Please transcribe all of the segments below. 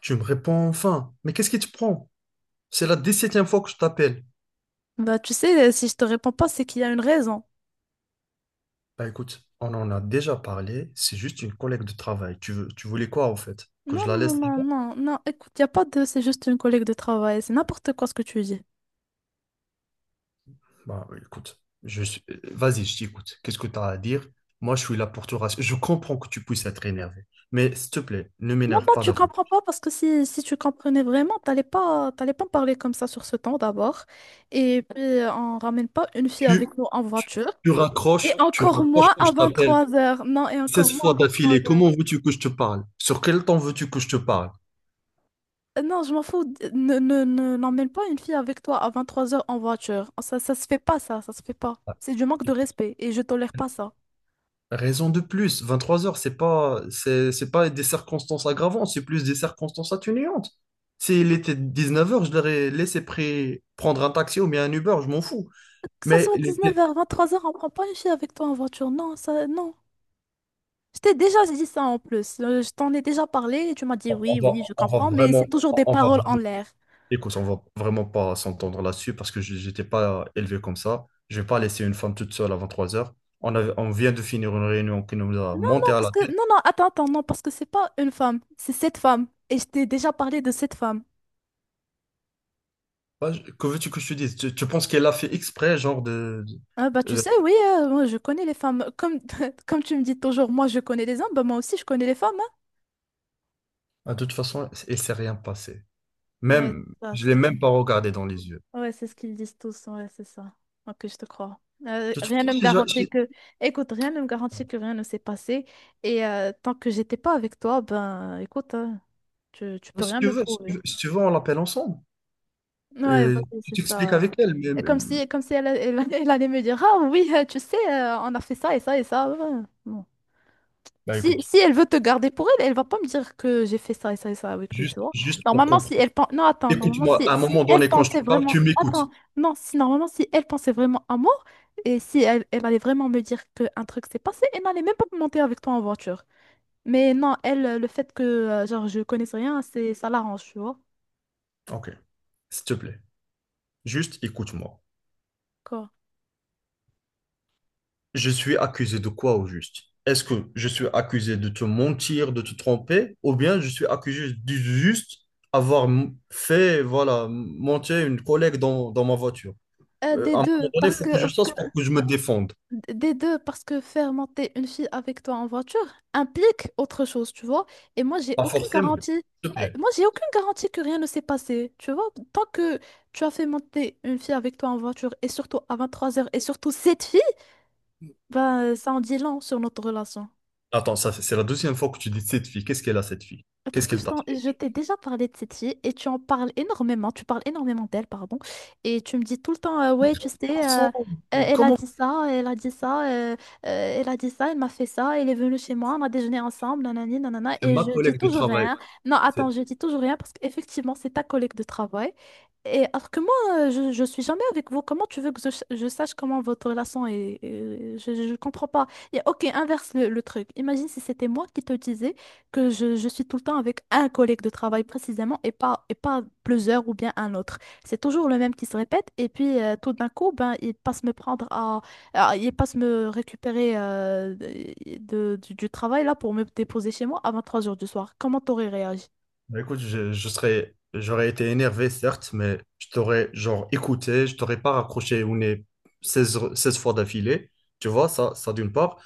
Tu me réponds enfin. Mais qu'est-ce qui te prend? C'est la 17e fois que je t'appelle. Bah, tu sais, si je te réponds pas, c'est qu'il y a une raison. Bah écoute, on en a déjà parlé. C'est juste une collègue de travail. Tu voulais quoi en fait? Que Non, je la non, laisse non, là-bas? non, non. Écoute, il a pas de... c'est juste une collègue de travail. C'est n'importe quoi ce que tu dis. Bah oui, écoute, vas-y, je t'écoute. Qu'est-ce que tu as à dire? Moi, je suis là pour te rassurer. Je comprends que tu puisses être énervé. Mais s'il te plaît, ne Non, m'énerve non, pas tu d'avant. comprends pas parce que si tu comprenais vraiment, t'allais pas me parler comme ça sur ce temps d'abord. Et puis, on ramène pas une fille Tu, avec nous en tu, voiture. tu raccroches, Et tu encore raccroches moins que à je vingt t'appelle trois heures. Non, et encore 16 moins fois à 23 d'affilée. heures. Comment veux-tu que je te parle? Sur quel temps veux-tu que je te parle? Non, je m'en fous. N'emmène pas une fille avec toi à 23h en voiture. Ça se fait pas, ça. Ça se fait pas. C'est du manque de respect et je tolère pas ça. Raison de plus, 23 heures, c'est pas des circonstances aggravantes, c'est plus des circonstances atténuantes. S'il était 19 heures, je l'aurais laissé prendre un taxi ou bien un Uber, je m'en fous. Que ça Mais soit il était- 19h 23h on prend pas une fille avec toi en voiture. Non, ça, non. Je t'ai déjà dit ça en plus. Je t'en ai déjà parlé et tu m'as dit oui, oui, je on va comprends, mais c'est vraiment, toujours des on va, paroles en l'air. écoute, on va vraiment pas s'entendre là-dessus parce que j'étais pas élevé comme ça. Je vais pas laisser une femme toute seule à 3 heures. On vient de finir une réunion qui nous a Non, monté non, à parce la que, tête. non, non, attends, attends, non, parce que c'est pas une femme, c'est cette femme. Et je t'ai déjà parlé de cette femme. Ouais, que veux-tu que je te dise? Tu penses qu'elle a fait exprès, genre Ah bah de- tu de- sais, oui, moi, je connais les femmes. Comme, comme tu me dis toujours, moi je connais les hommes, bah moi aussi je connais les femmes. Ah, de toute façon, il s'est rien passé. Hein. Ouais, Même, c'est ça, je c'est l'ai ce que je même pas dis. regardé dans les yeux. Ouais, c'est ce qu'ils disent tous, ouais, c'est ça. Ok, je te crois. De toute Rien façon, ne me garantit que... Écoute, rien ne me garantit que rien ne s'est passé. Et tant que j'étais pas avec toi, ben, écoute, hein, tu peux rien me prouver. Si tu veux, on l'appelle ensemble. Ouais, Et vas-y, tu c'est t'expliques ça. avec elle, mais, Et mais- comme si elle, elle allait me dire, ah oui, tu sais, on a fait ça et ça et ça. Ouais, ouais. Bon. Bah Si, écoute. si elle veut te garder pour elle, elle va pas me dire que j'ai fait ça et ça et ça avec lui, juste, tu vois. juste pour Normalement, si comprendre. elle pense... Non, attends, normalement, Écoute-moi, si, à un si moment elle donné, quand je pensait te parle, tu vraiment... m'écoutes. Attends, non, si normalement, si elle pensait vraiment à moi, et si elle, elle allait vraiment me dire qu'un truc s'est passé, elle n'allait même pas monter avec toi en voiture. Mais non, elle, le fait que, genre, je connaisse rien, c'est, ça l'arrange, tu vois. Ok, s'il te plaît, juste écoute-moi. Quoi? Je suis accusé de quoi au juste? Est-ce que je suis accusé de te mentir, de te tromper, ou bien je suis accusé du juste avoir fait, voilà, monter une collègue dans ma voiture? Euh, des À un moment deux, donné, il parce faut que, que je euh, sache pour que je me défende. Des deux, parce que faire monter une fille avec toi en voiture implique autre chose, tu vois. Et moi, j'ai Pas aucune forcément. S'il garantie. te plaît. Moi, j'ai aucune garantie que rien ne s'est passé, tu vois. Tant que tu as fait monter une fille avec toi en voiture, et surtout à 23h, et surtout cette fille, ben, ça en dit long sur notre relation. Attends, ça, c'est la deuxième fois que tu dis cette fille. Qu'est-ce qu'elle a, cette fille? Parce Qu'est-ce que qu'elle t'a fait? je t'ai déjà parlé de cette fille et tu en parles énormément, tu parles énormément d'elle, pardon, et tu me dis tout le temps, ouais, tu sais, elle a Comment, dit ça, elle a dit ça, elle a dit ça, elle m'a fait ça, elle est venue chez moi, on a déjeuné ensemble, nanani, nanana, c'est et ma je dis collègue de toujours travail? rien. Non, attends, C'est- je dis toujours rien parce qu'effectivement, c'est ta collègue de travail. Et alors que moi, je suis jamais avec vous, comment tu veux que je sache comment votre relation est, je comprends pas. Et ok, inverse le truc. Imagine si c'était moi qui te disais que je suis tout le temps avec un collègue de travail précisément et pas plusieurs ou bien un autre. C'est toujours le même qui se répète et puis tout d'un coup, ben, il passe me prendre il passe me récupérer du travail là pour me déposer chez moi à 23h du soir. Comment t'aurais réagi? Bah, écoute, j'aurais été énervé, certes, mais je t'aurais genre écouté, je t'aurais pas raccroché au nez 16 fois d'affilée. Tu vois, ça d'une part.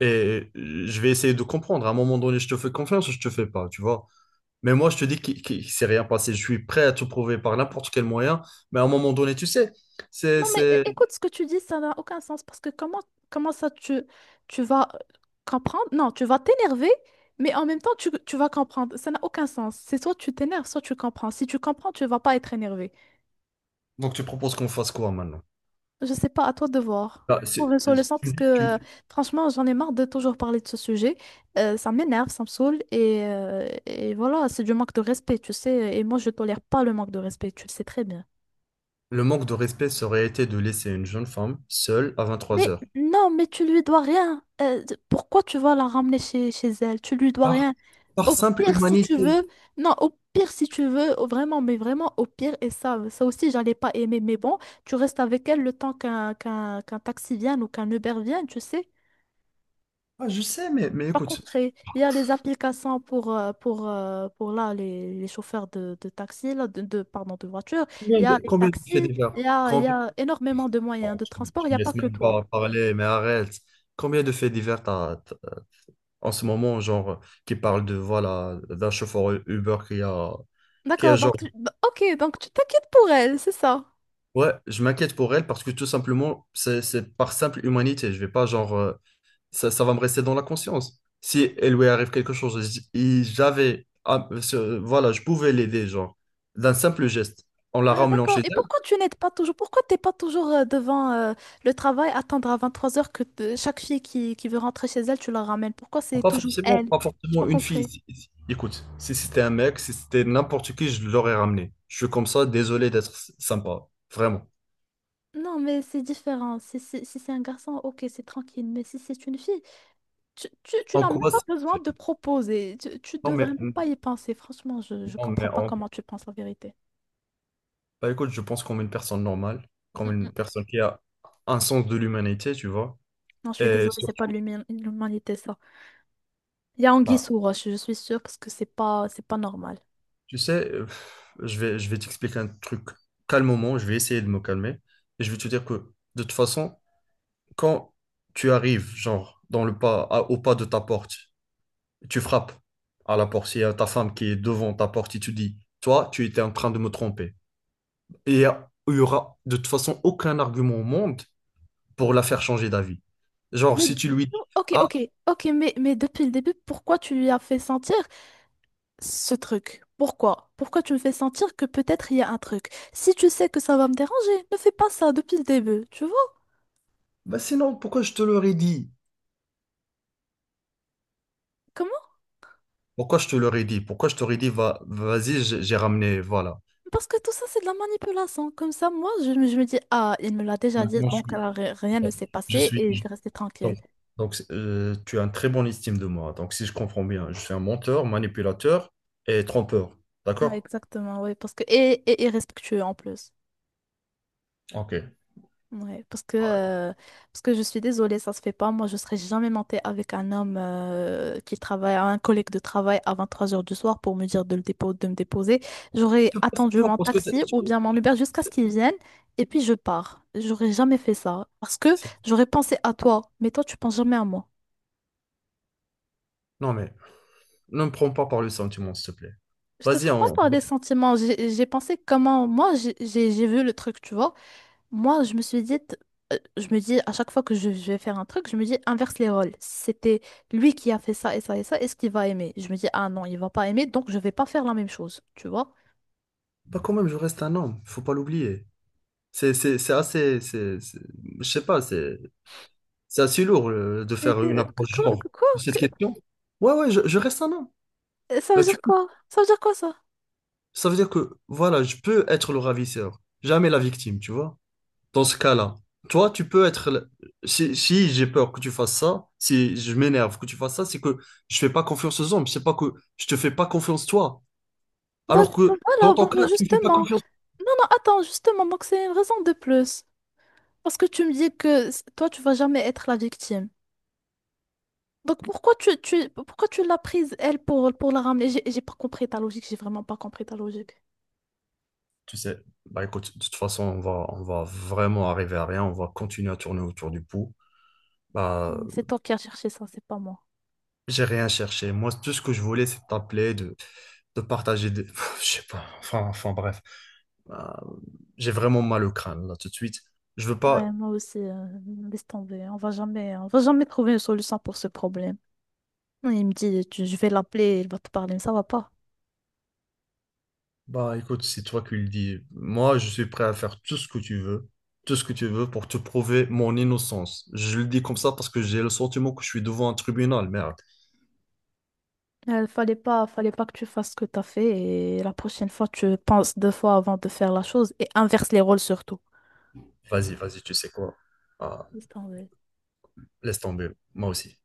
Et je vais essayer de comprendre. À un moment donné, je te fais confiance ou je te fais pas, tu vois. Mais moi, je te dis qu'il s'est rien passé. Je suis prêt à te prouver par n'importe quel moyen. Mais à un moment donné, tu sais, c'est, Non mais c'est... écoute ce que tu dis, ça n'a aucun sens parce que comment ça tu vas comprendre? Non, tu vas t'énerver. Mais en même temps, tu vas comprendre. Ça n'a aucun sens. C'est soit tu t'énerves, soit tu comprends. Si tu comprends, tu vas pas être énervé. Donc, tu proposes qu'on fasse quoi maintenant? Je sais pas, à toi de voir. Bah, Pour c'est- une solution, parce tu- que tu- franchement, j'en ai marre de toujours parler de ce sujet. Ça m'énerve, ça me saoule, et voilà, c'est du manque de respect, tu sais. Et moi, je tolère pas le manque de respect, tu le sais très bien. Le manque de respect serait été de laisser une jeune femme seule à 23 Mais heures. non, mais tu lui dois rien. Pourquoi tu vas la ramener chez elle? Tu lui dois Par, rien. par Au simple pire, si tu humanité. veux, non, au pire, si tu veux, vraiment, mais vraiment, au pire, et ça aussi, j'allais pas aimer, mais bon, tu restes avec elle le temps qu'un taxi vienne ou qu'un Uber vienne, tu sais. Ah, je sais, mais Pas écoute, concret. Il y a les applications pour là, les chauffeurs de taxi, là, de, pardon, de voiture. Il combien y de, a les combien de faits taxis, divers? il y a, il y Combien a énormément de moyens de transport, il n'y a pas que on toi. va parler, mais arrête. Combien de faits divers t'as en ce moment, genre, qui parlent de, voilà, d'un chauffeur Uber qui a, qui a, D'accord, genre, donc, bah, ok, donc tu t'inquiètes pour elle, c'est ça. Ouais, je m'inquiète pour elle parce que tout simplement, c'est par simple humanité. Je vais pas genre, ça va me rester dans la conscience. Si elle lui arrive quelque chose, et j'avais, ah, voilà, je pouvais l'aider, genre, d'un simple geste, en la Ah, ramenant d'accord. chez Et elle. pourquoi tu n'aides pas toujours? Pourquoi t'es pas toujours devant le travail, attendre à 23h que chaque fille qui veut rentrer chez elle, tu la ramènes? Pourquoi c'est Pas toujours forcément, elle? pas J'ai pas forcément une fille. compris. Écoute, si c'était un mec, si c'était n'importe qui, je l'aurais ramené. Je suis comme ça, désolé d'être sympa, vraiment. Non, mais c'est différent. Si c'est un garçon, ok, c'est tranquille. Mais si c'est une fille, tu En n'as même quoi? pas besoin c'est- de proposer. Tu Non devrais mais, même pas y penser. Franchement, je non comprends mais pas comment tu penses la vérité. Bah écoute, je pense comme une personne normale, Mm, comme une mm. personne qui a un sens de l'humanité, tu vois. Non, je suis Et désolée, c'est pas de surtout. l'humi- l'humanité, ça. Il y a anguille Bah, sous roche, je suis sûre, parce que c'est pas normal. tu sais, je vais t'expliquer un truc calmement, je vais essayer de me calmer. Et je vais te dire que, de toute façon, quand tu arrives, genre, dans le pas, à- au pas de ta porte, tu frappes à la porte, il y a ta femme qui est devant ta porte et tu dis, toi, tu étais en train de me tromper. Et il y aura, de toute façon, aucun argument au monde pour la faire changer d'avis. Genre, Mais- si tu lui dis, Ok, ah. ok, ok, mais depuis le début, pourquoi tu lui as fait sentir ce truc. Pourquoi? Pourquoi tu me fais sentir que peut-être il y a un truc? Si tu sais que ça va me déranger, ne fais pas ça depuis le début. Tu vois? Bah sinon, pourquoi je te l'aurais dit? Comment? Pourquoi je te l'aurais dit? Pourquoi je t'aurais dit, vas-y, j'ai ramené, voilà. Parce que tout ça, c'est de la manipulation. Comme ça, moi, je me dis, ah, il me l'a déjà dit, Maintenant, je donc suis, alors, rien ne s'est je passé suis, et je je- vais rester donc, tranquille. donc, tu as une très bonne estime de moi. Donc, si je comprends bien, je suis un menteur, manipulateur et trompeur. Non, D'accord? exactement, oui. Parce que, et irrespectueux en plus. Ok. Ouais, parce que je suis désolée, ça se fait pas. Moi, je serais jamais montée avec un homme qui travaille, un collègue de travail à 3h du soir pour me dire de me déposer. J'aurais Tu peux pas attendu savoir mon parce que taxi ou bien mon Uber jusqu'à ce c'est- qu'il vienne et puis je pars. J'aurais jamais fait ça parce que c'est- j'aurais pensé à toi, mais toi, tu penses jamais à moi. non, mais ne me prends pas par le sentiment, s'il te plaît. Je te Vas-y, prends pas on... par des sentiments. J'ai pensé comment moi j'ai vu le truc, tu vois. Moi, je me suis dit, je me dis à chaque fois que je vais faire un truc, je me dis inverse les rôles. C'était lui qui a fait ça et ça et ça, est-ce qu'il va aimer? Je me dis, ah non, il va pas aimer, donc je vais pas faire la même chose, tu vois? Bah, quand même, je reste un homme, faut pas l'oublier. C'est assez. Je sais pas. C'est assez lourd de Et faire une que- que- approche que- genre que- quoi? de cette question. Ouais, ouais, je reste un homme. Ça veut Bah. dire quoi? Ça veut dire quoi ça? Ça veut dire que, voilà, je peux être le ravisseur, jamais la victime, tu vois. Dans ce cas-là, toi, tu peux être. Si, si j'ai peur que tu fasses ça, si je m'énerve que tu fasses ça, c'est que je fais pas confiance aux hommes, c'est pas que je te fais pas confiance toi. Bah, Alors bah que, dans voilà, ton bah, cas, tu me fais pas justement. confiance. Non, non, attends, justement, donc c'est une raison de plus. Parce que tu me dis que toi, tu vas jamais être la victime. Donc pourquoi pourquoi tu l'as prise, elle, pour la ramener? J'ai pas compris ta logique, j'ai vraiment pas compris ta logique. Tu sais, bah écoute, de toute façon, on va vraiment arriver à rien, on va continuer à tourner autour du pot. Bah, C'est toi qui as cherché ça, c'est pas moi. j'ai rien cherché. Moi, tout ce que je voulais, c'est t'appeler, de partager. Je sais pas, enfin bref. Bah, j'ai vraiment mal au crâne, là, tout de suite. Je veux Ouais, pas. moi aussi, laisse tomber. On va jamais trouver une solution pour ce problème. Il me dit, je vais l'appeler, il va te parler, mais ça va pas. Bah, écoute, c'est toi qui le dis. Moi, je suis prêt à faire tout ce que tu veux, tout ce que tu veux pour te prouver mon innocence. Je le dis comme ça parce que j'ai le sentiment que je suis devant un tribunal, merde. Il fallait pas que tu fasses ce que t'as fait et la prochaine fois, tu penses deux fois avant de faire la chose et inverse les rôles surtout. Vas-y, vas-y, tu sais quoi? Ah, Laisse tomber. laisse tomber, moi aussi.